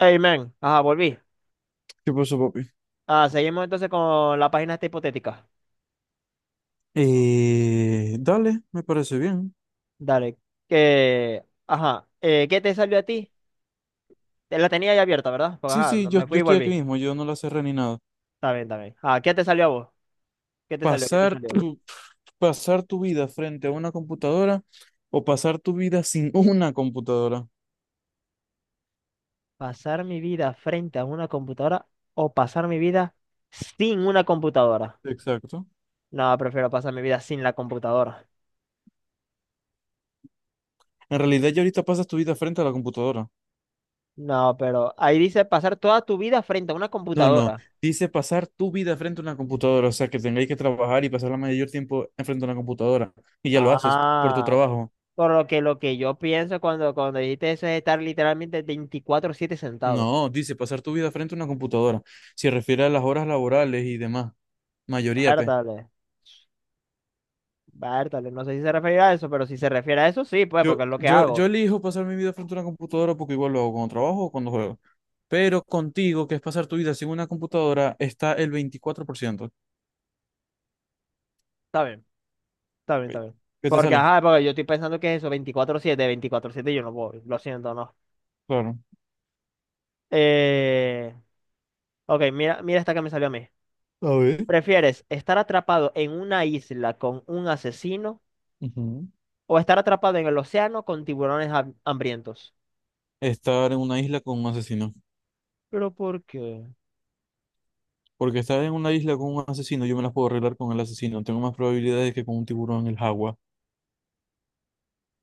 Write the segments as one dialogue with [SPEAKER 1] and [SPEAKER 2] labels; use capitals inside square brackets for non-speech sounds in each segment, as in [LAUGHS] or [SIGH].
[SPEAKER 1] Hey, man. Ajá, volví.
[SPEAKER 2] ¿Qué pasó, papi?
[SPEAKER 1] Ah, seguimos entonces con la página esta hipotética.
[SPEAKER 2] Dale, me parece bien.
[SPEAKER 1] Dale. Que, ajá. ¿Qué te salió a ti? Te la tenía ya abierta, ¿verdad? Porque,
[SPEAKER 2] Sí,
[SPEAKER 1] ajá,
[SPEAKER 2] sí, yo,
[SPEAKER 1] me
[SPEAKER 2] yo
[SPEAKER 1] fui y
[SPEAKER 2] estoy aquí
[SPEAKER 1] volví.
[SPEAKER 2] mismo, yo no la cerré ni nada.
[SPEAKER 1] Está bien, está bien. Ah, ¿qué te salió a vos? ¿Qué te salió? ¿Qué te
[SPEAKER 2] Pasar
[SPEAKER 1] salió?
[SPEAKER 2] tu, pasar tu vida frente a una computadora o pasar tu vida sin [LAUGHS] una computadora.
[SPEAKER 1] ¿Pasar mi vida frente a una computadora o pasar mi vida sin una computadora?
[SPEAKER 2] Exacto.
[SPEAKER 1] No, prefiero pasar mi vida sin la computadora.
[SPEAKER 2] En realidad, ya ahorita pasas tu vida frente a la computadora.
[SPEAKER 1] No, pero ahí dice pasar toda tu vida frente a una
[SPEAKER 2] No, no,
[SPEAKER 1] computadora.
[SPEAKER 2] dice pasar tu vida frente a una computadora, o sea, que tengáis que trabajar y pasar la mayor tiempo enfrente a una computadora. Y ya lo haces por tu
[SPEAKER 1] Ah,
[SPEAKER 2] trabajo.
[SPEAKER 1] por lo que yo pienso cuando dijiste eso es estar literalmente 24/7 sentado.
[SPEAKER 2] No, dice pasar tu vida frente a una computadora. Se refiere a las horas laborales y demás. Mayoría, P.
[SPEAKER 1] Bártale, bártale. No sé si se refiere a eso, pero si se refiere a eso, sí, pues,
[SPEAKER 2] Yo,
[SPEAKER 1] porque es lo que
[SPEAKER 2] yo, yo
[SPEAKER 1] hago.
[SPEAKER 2] elijo pasar mi vida frente a una computadora porque igual lo hago cuando trabajo o cuando juego. Pero contigo, que es pasar tu vida sin una computadora, está el 24%.
[SPEAKER 1] Está bien, está bien, está
[SPEAKER 2] Ok.
[SPEAKER 1] bien.
[SPEAKER 2] ¿Qué te
[SPEAKER 1] Porque,
[SPEAKER 2] sale?
[SPEAKER 1] ajá, porque yo estoy pensando que es eso, 24/7 24/7 yo no voy, lo siento, no.
[SPEAKER 2] Claro.
[SPEAKER 1] Eh, ok, mira, mira esta que me salió a mí.
[SPEAKER 2] A ver.
[SPEAKER 1] ¿Prefieres estar atrapado en una isla con un asesino
[SPEAKER 2] Ujú.
[SPEAKER 1] o estar atrapado en el océano con tiburones hambrientos?
[SPEAKER 2] Estar en una isla con un asesino.
[SPEAKER 1] ¿Pero por qué?
[SPEAKER 2] Porque estar en una isla con un asesino, yo me las puedo arreglar con el asesino. Tengo más probabilidades que con un tiburón en el agua.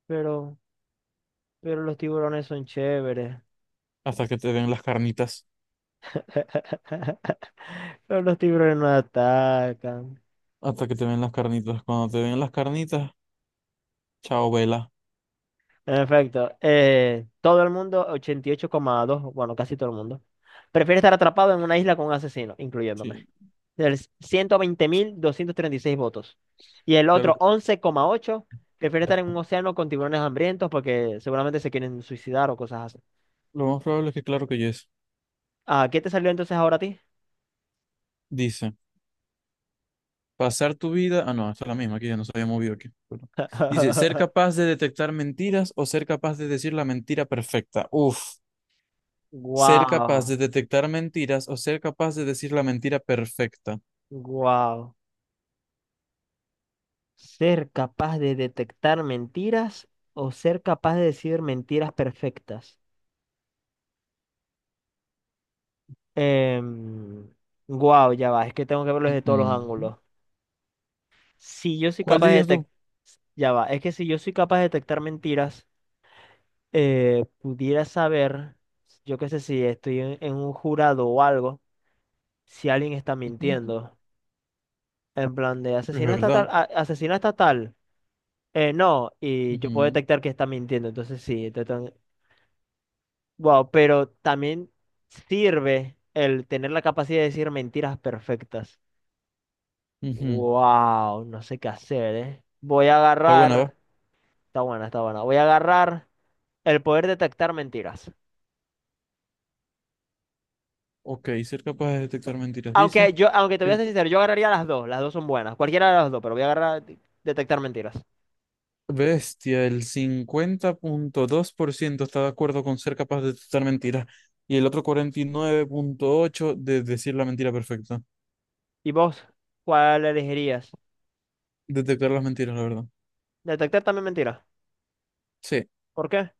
[SPEAKER 1] Pero... Pero los tiburones son chéveres.
[SPEAKER 2] Hasta que te ven las carnitas.
[SPEAKER 1] [LAUGHS] Pero los tiburones no atacan.
[SPEAKER 2] Hasta que te ven las carnitas. Cuando te ven las carnitas, chao, vela.
[SPEAKER 1] En efecto, todo el mundo, 88,2, bueno, casi todo el mundo, prefiere estar atrapado en una isla con un asesino, incluyéndome.
[SPEAKER 2] Sí,
[SPEAKER 1] Del 120.236 votos. Y el
[SPEAKER 2] claro
[SPEAKER 1] otro
[SPEAKER 2] que-
[SPEAKER 1] 11,8 prefiere estar en un océano con tiburones hambrientos porque seguramente se quieren suicidar o cosas así.
[SPEAKER 2] lo más probable es que claro que yes.
[SPEAKER 1] Ah, ¿qué te salió entonces ahora a ti?
[SPEAKER 2] Dice. Pasar tu vida. Ah, no, esta es la misma, aquí ya nos había movido aquí. Perdón. Dice, ser
[SPEAKER 1] [LAUGHS]
[SPEAKER 2] capaz de detectar mentiras o ser capaz de decir la mentira perfecta. Uf, ser capaz
[SPEAKER 1] Wow,
[SPEAKER 2] de detectar mentiras o ser capaz de decir la mentira perfecta.
[SPEAKER 1] wow. ¿Ser capaz de detectar mentiras o ser capaz de decir mentiras perfectas? Em, Guau, ya va, es que tengo que verlo desde todos los
[SPEAKER 2] Ujú.
[SPEAKER 1] ángulos. Si yo soy
[SPEAKER 2] ¿Cuál
[SPEAKER 1] capaz de
[SPEAKER 2] dirías tú?
[SPEAKER 1] detectar, ya va, es que si yo soy capaz de detectar mentiras, pudiera saber, yo qué sé, si estoy en un jurado o algo, si alguien está
[SPEAKER 2] Ujú.
[SPEAKER 1] mintiendo. En plan de
[SPEAKER 2] Es
[SPEAKER 1] asesina estatal,
[SPEAKER 2] verdad.
[SPEAKER 1] asesina estatal. No, y yo puedo
[SPEAKER 2] Ujú,
[SPEAKER 1] detectar que está mintiendo, entonces sí. Wow, pero también sirve el tener la capacidad de decir mentiras perfectas.
[SPEAKER 2] ujú.
[SPEAKER 1] Wow, no sé qué hacer, ¿eh? Voy a
[SPEAKER 2] Está buena, va.
[SPEAKER 1] agarrar, está buena, está buena. Voy a agarrar el poder detectar mentiras.
[SPEAKER 2] Ok, ser capaz de detectar mentiras. Dice.
[SPEAKER 1] Aunque te voy a
[SPEAKER 2] Que
[SPEAKER 1] ser sincero, yo agarraría las dos son buenas, cualquiera de las dos, pero voy a agarrar detectar mentiras.
[SPEAKER 2] Bestia, el 50,2% está de acuerdo con ser capaz de detectar mentiras y el otro 49,8% de decir la mentira perfecta.
[SPEAKER 1] ¿Y vos? ¿Cuál elegirías?
[SPEAKER 2] Detectar las mentiras, la verdad.
[SPEAKER 1] Detectar también mentiras.
[SPEAKER 2] Sí,
[SPEAKER 1] ¿Por qué?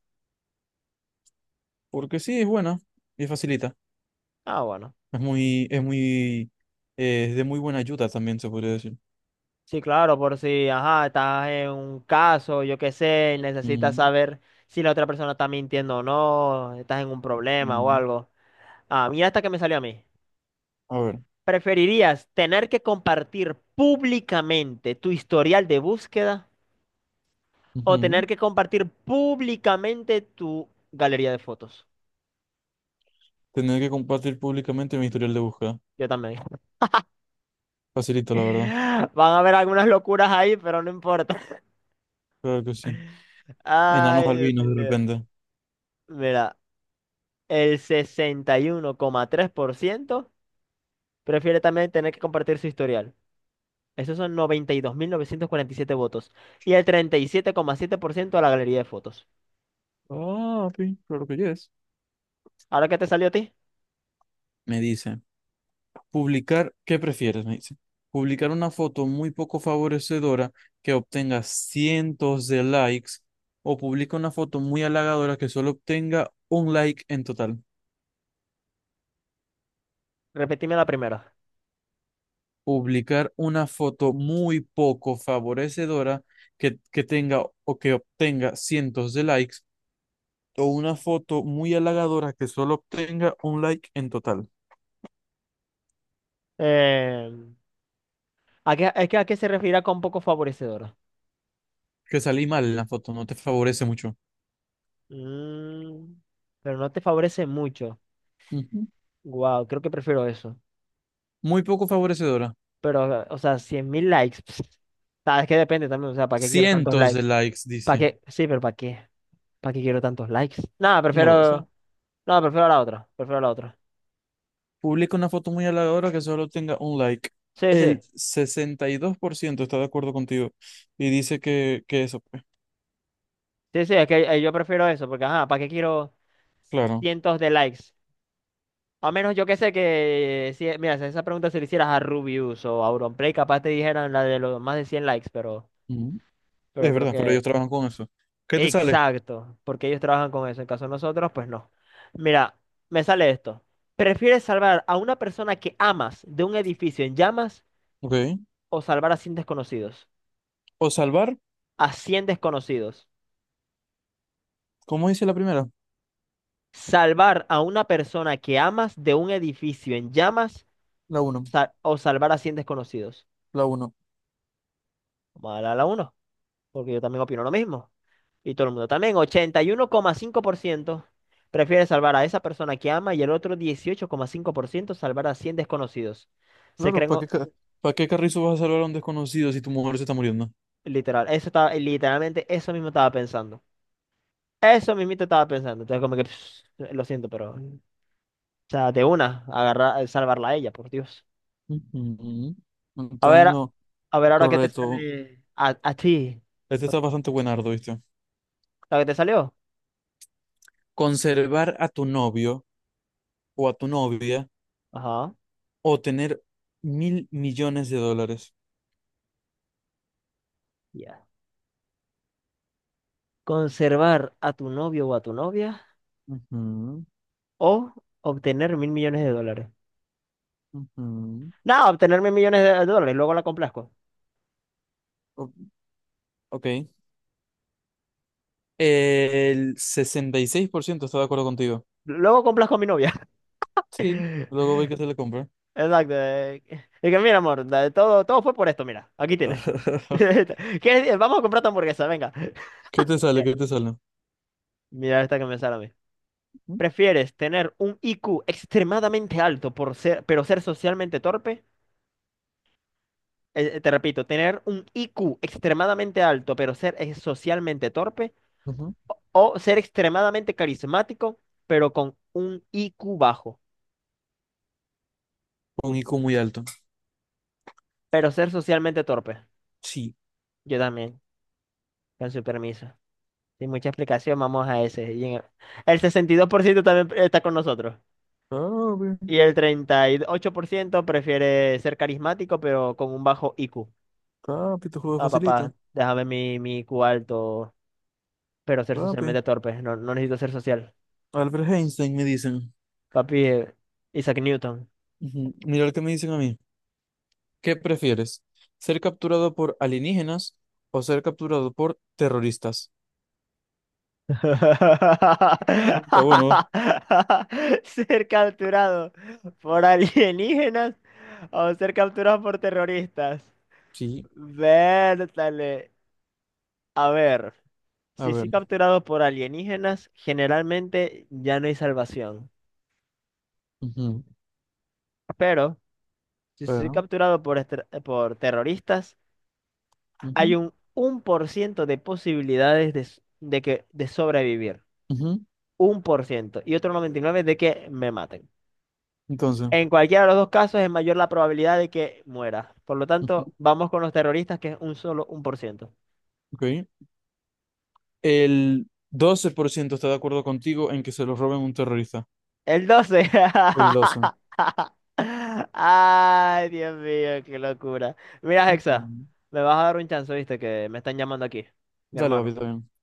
[SPEAKER 2] porque sí, es buena y facilita.
[SPEAKER 1] Ah, bueno.
[SPEAKER 2] Es muy, es muy, es de muy buena ayuda también, se podría decir.
[SPEAKER 1] Sí, claro, por si, ajá, estás en un caso, yo qué sé, y necesitas
[SPEAKER 2] Mm,
[SPEAKER 1] saber si la otra persona está mintiendo o no, estás en un problema o
[SPEAKER 2] mm.
[SPEAKER 1] algo. Ah, mira hasta que me salió a mí.
[SPEAKER 2] A ver.
[SPEAKER 1] ¿Preferirías tener que compartir públicamente tu historial de búsqueda o
[SPEAKER 2] Ujú.
[SPEAKER 1] tener que compartir públicamente tu galería de fotos?
[SPEAKER 2] Tener que compartir públicamente mi historial de búsqueda.
[SPEAKER 1] Yo también. [LAUGHS]
[SPEAKER 2] Facilito, la verdad.
[SPEAKER 1] Van a haber algunas locuras ahí, pero no importa. [LAUGHS]
[SPEAKER 2] Claro que sí. Enanos
[SPEAKER 1] Ay, Dios
[SPEAKER 2] albinos, de
[SPEAKER 1] mío.
[SPEAKER 2] repente.
[SPEAKER 1] Mira, el 61,3% prefiere también tener que compartir su historial. Esos son noventa y dos mil novecientos cuarenta y siete votos. Y el treinta y siete coma siete por ciento a la galería de fotos.
[SPEAKER 2] Ah, sí, claro que yes.
[SPEAKER 1] ¿Ahora qué te salió a ti?
[SPEAKER 2] Me dice. Publicar, ¿qué prefieres? Me dice. Publicar una foto muy poco favorecedora que obtenga cientos de likes o publica una foto muy halagadora que solo obtenga un like en total.
[SPEAKER 1] Repetime la primera.
[SPEAKER 2] Publicar una foto muy poco favorecedora que tenga o que obtenga cientos de likes o una foto muy halagadora que solo obtenga un like en total.
[SPEAKER 1] Eh, ¿A qué, es que a qué se referirá con poco favorecedor?
[SPEAKER 2] Que salí mal en la foto, no te favorece mucho.
[SPEAKER 1] Mm, pero no te favorece mucho.
[SPEAKER 2] Ujú.
[SPEAKER 1] Wow, creo que prefiero eso.
[SPEAKER 2] Muy poco favorecedora.
[SPEAKER 1] Pero, o sea, 100.000 likes. Pss, sabes que depende también. O sea, ¿para qué quiero tantos
[SPEAKER 2] Cientos de
[SPEAKER 1] likes?
[SPEAKER 2] likes,
[SPEAKER 1] ¿Para
[SPEAKER 2] dice.
[SPEAKER 1] qué? Sí, pero ¿para qué? ¿Para qué quiero tantos likes? Nada,
[SPEAKER 2] No lo sé.
[SPEAKER 1] prefiero. No, prefiero la otra. Prefiero la otra.
[SPEAKER 2] Publica una foto muy halagadora que solo tenga un like.
[SPEAKER 1] Sí,
[SPEAKER 2] El
[SPEAKER 1] sí.
[SPEAKER 2] 62% está de acuerdo contigo y dice que eso, pues,
[SPEAKER 1] Sí, sí, es que yo prefiero eso, porque, ajá, ¿para qué quiero
[SPEAKER 2] claro.
[SPEAKER 1] cientos de likes? A menos yo que sé que, si, mira, si esa pregunta se le hicieras a Rubius o a Auronplay, capaz te dijeran la de los más de 100 likes, pero,
[SPEAKER 2] Ujú.
[SPEAKER 1] pero
[SPEAKER 2] Es
[SPEAKER 1] creo
[SPEAKER 2] verdad, pero ellos
[SPEAKER 1] que...
[SPEAKER 2] trabajan con eso. ¿Qué te sale?
[SPEAKER 1] Exacto, porque ellos trabajan con eso. En caso de nosotros, pues no. Mira, me sale esto. ¿Prefieres salvar a una persona que amas de un edificio en llamas
[SPEAKER 2] Ok.
[SPEAKER 1] o salvar a cien desconocidos?
[SPEAKER 2] O salvar,
[SPEAKER 1] A 100 desconocidos.
[SPEAKER 2] ¿cómo dice la primera?
[SPEAKER 1] ¿Salvar a una persona que amas de un edificio en llamas?
[SPEAKER 2] La uno.
[SPEAKER 1] O salvar a 100 desconocidos.
[SPEAKER 2] La uno.
[SPEAKER 1] Vamos a darle a la uno porque yo también opino lo mismo. Y todo el mundo también. 81,5% prefiere salvar a esa persona que ama y el otro 18,5% salvar a 100 desconocidos. Se
[SPEAKER 2] Claro,
[SPEAKER 1] creen o-
[SPEAKER 2] ¿para qué carrizo vas a salvar a un desconocido si tu mujer se está muriendo?
[SPEAKER 1] literal. Eso estaba, literalmente, eso mismo estaba pensando. Eso mismito estaba pensando. Entonces, como que, pss, lo siento, pero. O sea, de una, agarrar, salvarla a ella, por Dios.
[SPEAKER 2] Ujú.
[SPEAKER 1] A
[SPEAKER 2] Está
[SPEAKER 1] ver,
[SPEAKER 2] en
[SPEAKER 1] a
[SPEAKER 2] lo
[SPEAKER 1] a ver ahora qué te
[SPEAKER 2] correcto.
[SPEAKER 1] sale a ti.
[SPEAKER 2] Este
[SPEAKER 1] Ok,
[SPEAKER 2] está bastante buenardo, ¿viste?
[SPEAKER 1] ¿lo que te salió?
[SPEAKER 2] Conservar a tu novio o a tu novia
[SPEAKER 1] Ajá.
[SPEAKER 2] o tener $1.000.000.000.
[SPEAKER 1] Ya conservar a tu novio o a tu novia
[SPEAKER 2] Ujú,
[SPEAKER 1] o obtener mil millones de dólares.
[SPEAKER 2] ujú.
[SPEAKER 1] No, obtener mil millones de dólares, luego la complazco.
[SPEAKER 2] O- ok. El 66%, está de acuerdo contigo.
[SPEAKER 1] Luego complazco a mi novia. [LAUGHS]
[SPEAKER 2] Sí, luego ve que
[SPEAKER 1] Exacto.
[SPEAKER 2] se le compra.
[SPEAKER 1] Es que mira, amor, todo fue por esto, mira, aquí tienes. [LAUGHS]
[SPEAKER 2] [LAUGHS]
[SPEAKER 1] Vamos a comprar tu hamburguesa, venga.
[SPEAKER 2] ¿Qué te sale?
[SPEAKER 1] Ya,
[SPEAKER 2] ¿Qué te sale?
[SPEAKER 1] mira esta que me sale a mí. ¿Prefieres tener un IQ extremadamente alto pero ser socialmente torpe? Te repito, tener un IQ extremadamente alto pero ser socialmente torpe.
[SPEAKER 2] Ujú.
[SPEAKER 1] O ser extremadamente carismático, pero con un IQ bajo,
[SPEAKER 2] Un IQ muy alto.
[SPEAKER 1] pero ser socialmente torpe.
[SPEAKER 2] Sí.
[SPEAKER 1] Yo también, con su permiso. Sin mucha explicación, vamos a ese. Y en el 62% también está con nosotros.
[SPEAKER 2] Papi,
[SPEAKER 1] Y el 38% prefiere ser carismático, pero con un bajo IQ.
[SPEAKER 2] papi, tu juego es
[SPEAKER 1] Ah, papá,
[SPEAKER 2] facilito.
[SPEAKER 1] déjame mi IQ alto, pero ser
[SPEAKER 2] Papi.
[SPEAKER 1] socialmente torpe. No, no necesito ser social.
[SPEAKER 2] Albert Einstein me dicen.
[SPEAKER 1] Papi, Isaac Newton.
[SPEAKER 2] Ujú. Mira lo que me dicen a mí. ¿Qué prefieres? ¿Ser capturado por alienígenas o ser capturado por terroristas?
[SPEAKER 1] [LAUGHS]
[SPEAKER 2] Ujú. Está bueno.
[SPEAKER 1] Ser capturado por alienígenas o ser capturado por terroristas.
[SPEAKER 2] Sí.
[SPEAKER 1] Vértale. A ver,
[SPEAKER 2] A
[SPEAKER 1] si soy
[SPEAKER 2] ver.
[SPEAKER 1] capturado por alienígenas, generalmente ya no hay salvación.
[SPEAKER 2] Ujú.
[SPEAKER 1] Pero si soy
[SPEAKER 2] Pero.
[SPEAKER 1] capturado por terroristas, hay
[SPEAKER 2] Ujú,
[SPEAKER 1] un por ciento de posibilidades de, s- de que, de sobrevivir.
[SPEAKER 2] ujú.
[SPEAKER 1] Un por ciento. Y otro 99% de que me maten.
[SPEAKER 2] Entonces.
[SPEAKER 1] En cualquiera de los dos casos es mayor la probabilidad de que muera. Por lo tanto,
[SPEAKER 2] Ujú.
[SPEAKER 1] vamos con los terroristas, que es un solo un por ciento.
[SPEAKER 2] Ok. El 12% está de acuerdo contigo en que se lo roben a un terrorista.
[SPEAKER 1] El 12.
[SPEAKER 2] El
[SPEAKER 1] [LAUGHS]
[SPEAKER 2] 12.
[SPEAKER 1] Ay, Dios mío, qué locura. Mira, Hexa,
[SPEAKER 2] Ujú.
[SPEAKER 1] me vas a dar un chance, viste, que me están llamando aquí, mi
[SPEAKER 2] Dale, papi,
[SPEAKER 1] hermano.
[SPEAKER 2] está bien.